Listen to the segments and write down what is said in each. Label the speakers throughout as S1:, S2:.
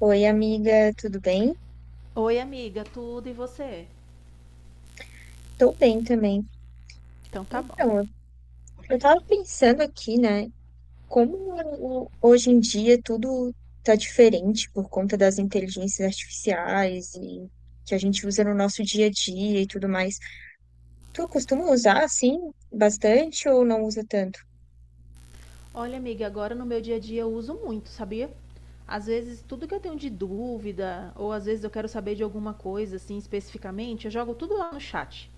S1: Oi, amiga, tudo bem?
S2: Oi, amiga, tudo e você?
S1: Tô bem também.
S2: Então tá bom.
S1: Então, eu tava pensando aqui, né, como o- hoje em dia tudo tá diferente por conta das inteligências artificiais que a gente usa no nosso dia a dia e tudo mais. Tu costuma usar, assim, bastante ou não usa tanto?
S2: Olha, amiga, agora no meu dia a dia eu uso muito, sabia? Às vezes, tudo que eu tenho de dúvida, ou às vezes eu quero saber de alguma coisa, assim, especificamente, eu jogo tudo lá no chat.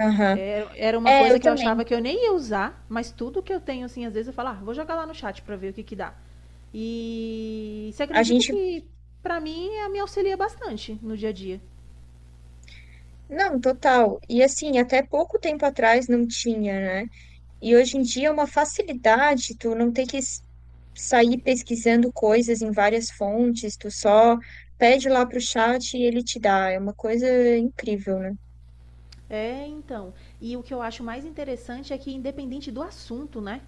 S1: Aham.
S2: Era uma
S1: É,
S2: coisa
S1: eu
S2: que eu
S1: também.
S2: achava que eu nem ia usar, mas tudo que eu tenho, assim, às vezes eu falo, ah, vou jogar lá no chat pra ver o que que dá. E você
S1: A
S2: acredita
S1: gente.
S2: que, pra mim, me auxilia bastante no dia a dia.
S1: Não, total. E assim, até pouco tempo atrás não tinha, né? E hoje em dia é uma facilidade tu não ter que sair pesquisando coisas em várias fontes, tu só pede lá pro chat e ele te dá. É uma coisa incrível, né?
S2: É, então. E o que eu acho mais interessante é que, independente do assunto, né?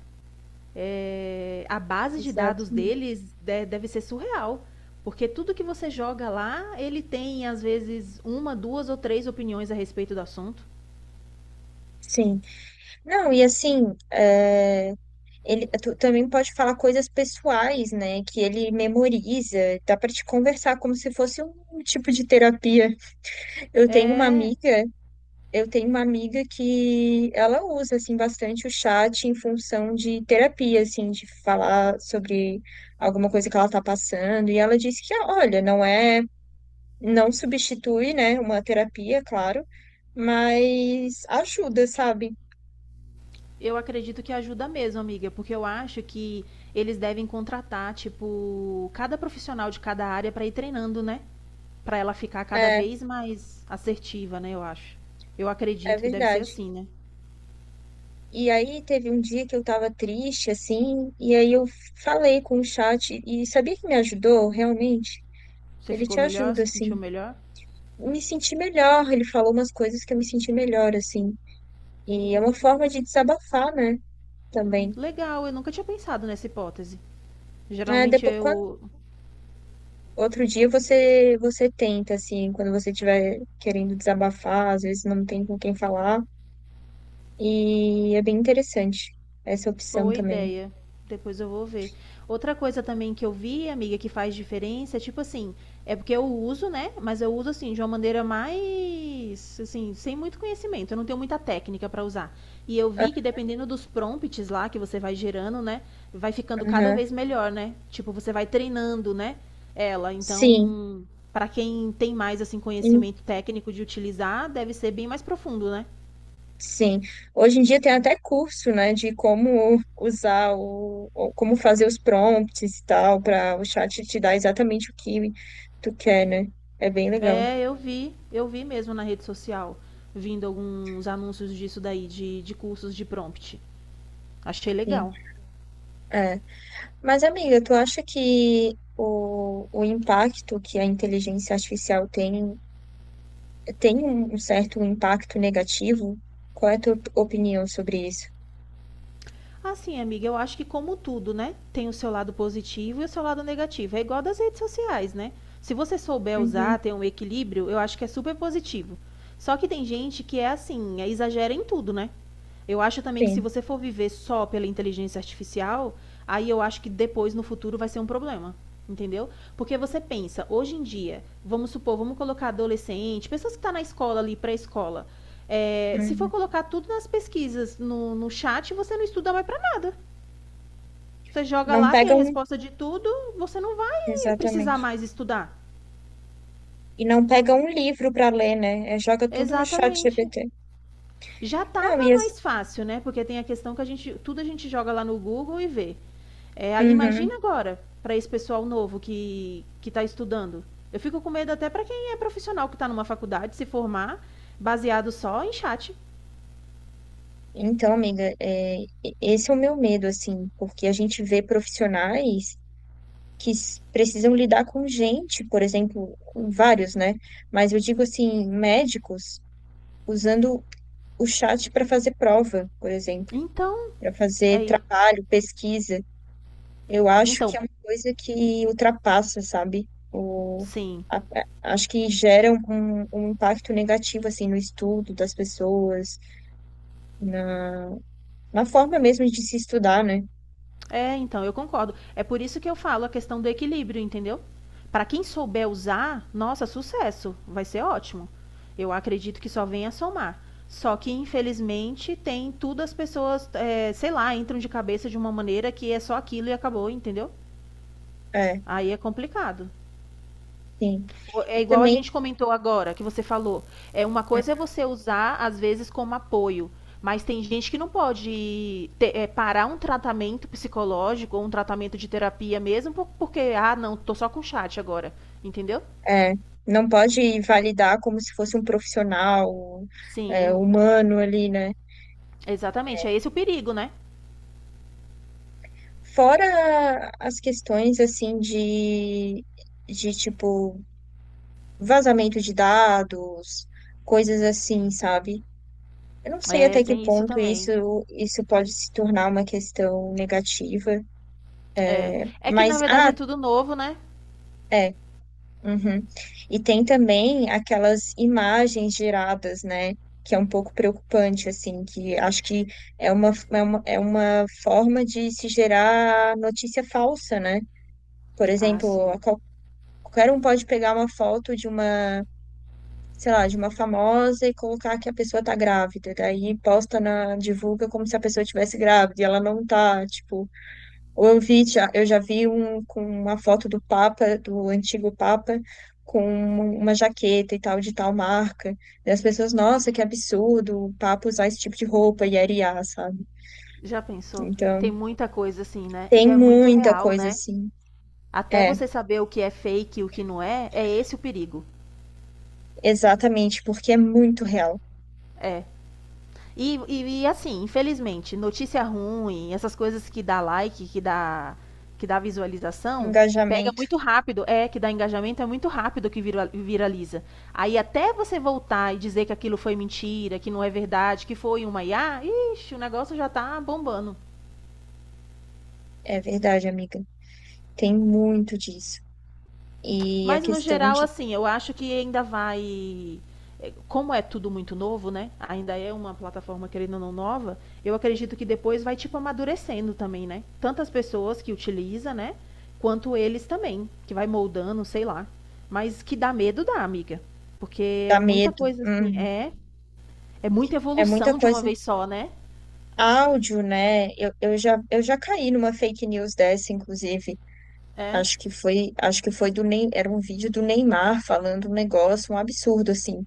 S2: É, a base de
S1: Exato.
S2: dados deles deve ser surreal. Porque tudo que você joga lá, ele tem, às vezes, uma, duas ou três opiniões a respeito do assunto.
S1: Sim. Não, e assim, tu também pode falar coisas pessoais, né? Que ele memoriza, dá para te conversar como se fosse um tipo de terapia. Eu tenho uma
S2: É,
S1: amiga Eu tenho uma amiga que ela usa assim bastante o chat em função de terapia, assim, de falar sobre alguma coisa que ela está passando, e ela disse que, olha, não substitui, né, uma terapia, claro, mas ajuda, sabe?
S2: eu acredito que ajuda mesmo, amiga, porque eu acho que eles devem contratar, tipo, cada profissional de cada área para ir treinando, né? Para ela ficar cada
S1: É,
S2: vez mais assertiva, né? Eu acho. Eu
S1: é
S2: acredito que deve ser
S1: verdade.
S2: assim, né?
S1: E aí teve um dia que eu estava triste, assim, e aí eu falei com o chat e sabia que me ajudou realmente?
S2: Você
S1: Ele
S2: ficou
S1: te
S2: melhor?
S1: ajuda,
S2: Você sentiu
S1: assim.
S2: melhor?
S1: Me senti melhor, ele falou umas coisas que eu me senti melhor, assim. E é uma forma de desabafar, né? Também.
S2: Legal, eu nunca tinha pensado nessa hipótese.
S1: Ah,
S2: Geralmente
S1: depois, quando,
S2: eu.
S1: Outro dia você tenta, assim, quando você estiver querendo desabafar, às vezes não tem com quem falar. E é bem interessante essa opção
S2: Boa
S1: também.
S2: ideia. Depois eu vou ver. Outra coisa também que eu vi, amiga, que faz diferença é tipo assim, é porque eu uso, né? Mas eu uso assim de uma maneira mais assim, sem muito conhecimento, eu não tenho muita técnica pra usar. E eu vi que dependendo dos prompts lá que você vai gerando, né, vai ficando cada
S1: Aham.
S2: vez melhor, né? Tipo, você vai treinando, né, ela.
S1: Sim,
S2: Então, pra quem tem mais assim
S1: Hum,
S2: conhecimento técnico de utilizar, deve ser bem mais profundo, né?
S1: sim. Hoje em dia tem até curso, né, de como usar como fazer os prompts e tal, para o chat te dar exatamente o que tu quer, né? É bem legal.
S2: É, eu vi mesmo na rede social, vindo alguns anúncios disso daí, de cursos de prompt. Achei
S1: Sim.
S2: legal.
S1: é Mas, amiga, tu acha que o impacto que a inteligência artificial tem, tem um certo impacto negativo? Qual é a tua opinião sobre isso?
S2: Assim, amiga, eu acho que como tudo, né? Tem o seu lado positivo e o seu lado negativo. É igual das redes sociais, né? Se você souber
S1: Uhum,
S2: usar, ter um equilíbrio, eu acho que é super positivo. Só que tem gente que é assim, é, exagera em tudo, né? Eu acho também que se
S1: sim.
S2: você for viver só pela inteligência artificial, aí eu acho que depois, no futuro, vai ser um problema. Entendeu? Porque você pensa, hoje em dia, vamos supor, vamos colocar adolescente, pessoas que estão na escola ali, pré-escola. É, se for
S1: Uhum.
S2: colocar tudo nas pesquisas, no chat, você não estuda mais para nada. Você joga
S1: Não
S2: lá, tem
S1: pega
S2: a
S1: um.
S2: resposta de tudo, você não vai precisar
S1: Exatamente.
S2: mais estudar.
S1: E não pega um livro para ler, né? É, joga tudo no chat
S2: Exatamente.
S1: GPT.
S2: Já estava
S1: Não, e as-
S2: mais fácil, né? Porque tem a questão que a gente, tudo a gente joga lá no Google e vê. É,
S1: Uhum.
S2: imagina agora para esse pessoal novo que está estudando. Eu fico com medo até para quem é profissional que está numa faculdade se formar baseado só em chat.
S1: Então, amiga, esse é o meu medo, assim, porque a gente vê profissionais que precisam lidar com gente, por exemplo, vários, né? Mas eu digo assim, médicos usando o chat para fazer prova, por exemplo,
S2: Então,
S1: para fazer
S2: aí,
S1: trabalho, pesquisa. Eu acho que
S2: então,
S1: é uma coisa que ultrapassa, sabe?
S2: sim.
S1: Acho que gera um impacto negativo, assim, no estudo das pessoas, na, na forma mesmo de se estudar, né?
S2: É, então, eu concordo. É por isso que eu falo a questão do equilíbrio, entendeu? Para quem souber usar, nossa, sucesso, vai ser ótimo. Eu acredito que só vem a somar. Só que, infelizmente, tem tudo as pessoas, é, sei lá, entram de cabeça de uma maneira que é só aquilo e acabou, entendeu?
S1: É,
S2: Aí é complicado.
S1: sim.
S2: É
S1: E
S2: igual a
S1: também.
S2: gente comentou agora, que você falou. É uma coisa é você usar, às vezes, como apoio. Mas tem gente que não pode parar um tratamento psicológico ou um tratamento de terapia mesmo, porque, ah, não, tô só com chat agora. Entendeu?
S1: É, não pode validar como se fosse um profissional, é,
S2: Sim,
S1: humano ali, né?
S2: exatamente. É esse o perigo, né?
S1: Fora as questões, assim, tipo, vazamento de dados, coisas assim, sabe? Eu não sei
S2: É,
S1: até que
S2: tem isso
S1: ponto
S2: também.
S1: isso pode se tornar uma questão negativa,
S2: É. É que na
S1: mas,
S2: verdade é tudo novo, né?
S1: é. Uhum. E tem também aquelas imagens geradas, né? Que é um pouco preocupante, assim, que acho que é uma forma de se gerar notícia falsa, né? Por
S2: Ah,
S1: exemplo,
S2: sim.
S1: qualquer um pode pegar uma foto de uma, sei lá, de uma famosa e colocar que a pessoa tá grávida, daí posta na, divulga como se a pessoa estivesse grávida e ela não tá, tipo. Ou eu vi já, eu já vi um com uma foto do Papa, do antigo Papa, com uma jaqueta e tal, de tal marca. E as pessoas, nossa, que absurdo o Papa usar esse tipo de roupa e arear, sabe?
S2: Já pensou? Tem
S1: Então,
S2: muita coisa assim, né?
S1: tem
S2: E é muito
S1: muita
S2: real,
S1: coisa
S2: né?
S1: assim.
S2: Até
S1: É,
S2: você saber o que é fake e o que não é, é esse o perigo.
S1: exatamente, porque é muito real.
S2: É. E assim, infelizmente, notícia ruim, essas coisas que dá like, que dá visualização, pega
S1: Engajamento,
S2: muito rápido. É, que dá engajamento, é muito rápido que viraliza. Aí até você voltar e dizer que aquilo foi mentira, que não é verdade, que foi uma IA, ixi, o negócio já tá bombando.
S1: é verdade, amiga. Tem muito disso. E a
S2: Mas no
S1: questão
S2: geral,
S1: de
S2: assim, eu acho que ainda vai. É, como é tudo muito novo, né? Ainda é uma plataforma, querendo ou não, nova. Eu acredito que depois vai, tipo, amadurecendo também, né? Tanto as pessoas que utilizam, né? Quanto eles também, que vai moldando, sei lá. Mas que dá medo, dá, amiga. Porque é
S1: dar
S2: muita
S1: medo.
S2: coisa, assim,
S1: Uhum.
S2: é. É muita
S1: É muita
S2: evolução de uma
S1: coisa.
S2: vez só, né?
S1: Áudio, né? Eu já caí numa fake news dessa, inclusive,
S2: É,
S1: Acho que foi do Ney, era um vídeo do Neymar falando um negócio, um absurdo assim.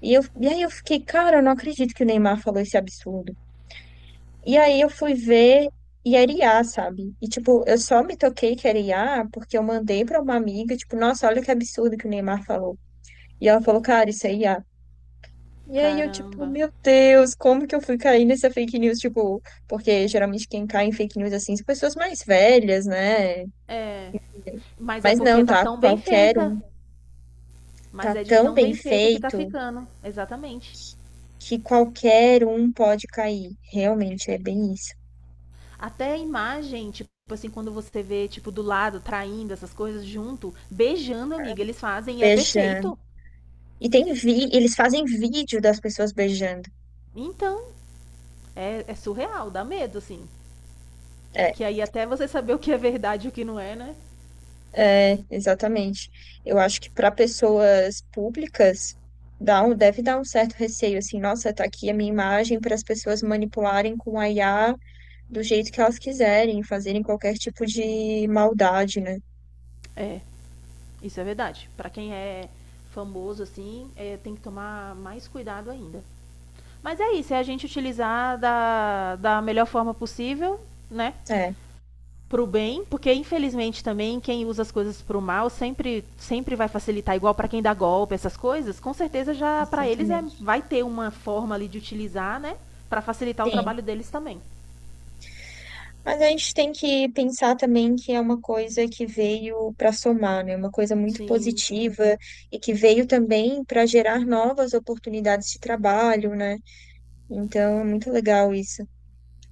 S1: E aí eu fiquei, cara, eu não acredito que o Neymar falou esse absurdo. E aí eu fui ver e era IA, sabe? E tipo, eu só me toquei que era IA porque eu mandei pra uma amiga, tipo, nossa, olha que absurdo que o Neymar falou. E ela falou, cara, isso é IA. E aí eu, tipo,
S2: caramba.
S1: meu Deus, como que eu fui cair nessa fake news? Tipo, porque geralmente quem cai em fake news assim são pessoas mais velhas, né?
S2: É. Mas é
S1: Mas
S2: porque
S1: não,
S2: tá
S1: tá?
S2: tão bem
S1: Qualquer
S2: feita.
S1: um
S2: Mas
S1: tá
S2: é de
S1: tão
S2: tão
S1: bem
S2: bem feita que tá
S1: feito
S2: ficando. Exatamente.
S1: que qualquer um pode cair. Realmente é bem isso.
S2: Até a imagem, tipo assim, quando você vê, tipo, do lado, traindo essas coisas junto, beijando, amiga, eles fazem e é
S1: Beijando.
S2: perfeito.
S1: Eles fazem vídeo das pessoas beijando.
S2: Então, é surreal, dá medo, assim.
S1: É,
S2: Que aí até você saber o que é verdade e o que não é, né?
S1: exatamente. Eu acho que para pessoas públicas dá um, deve dar um certo receio assim, nossa, tá aqui a minha imagem para as pessoas manipularem com a IA do jeito que elas quiserem, fazerem qualquer tipo de maldade, né?
S2: É, isso é verdade. Pra quem é famoso, assim, é, tem que tomar mais cuidado ainda. Mas é isso, é a gente utilizar da melhor forma possível, né?
S1: É,
S2: Pro bem, porque infelizmente também quem usa as coisas pro mal sempre vai facilitar igual para quem dá golpe, essas coisas, com certeza já para eles é
S1: exatamente.
S2: vai ter uma forma ali de utilizar, né, para facilitar o
S1: Sim.
S2: trabalho deles também.
S1: Mas a gente tem que pensar também que é uma coisa que veio para somar, né? Uma coisa muito
S2: Sim.
S1: positiva e que veio também para gerar novas oportunidades de trabalho, né? Então, é muito legal isso.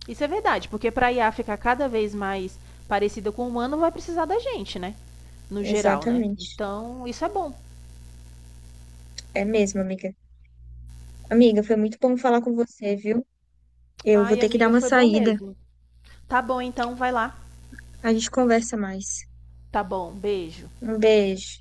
S2: Isso é verdade, porque para a IA ficar cada vez mais parecida com o humano, vai precisar da gente, né? No geral, né?
S1: Exatamente.
S2: Então, isso é bom.
S1: É mesmo, amiga. Amiga, foi muito bom falar com você, viu? Eu vou
S2: Ai,
S1: ter que dar
S2: amiga,
S1: uma
S2: foi bom
S1: saída.
S2: mesmo. Tá bom, então, vai lá.
S1: A gente conversa mais.
S2: Tá bom, beijo.
S1: Um beijo.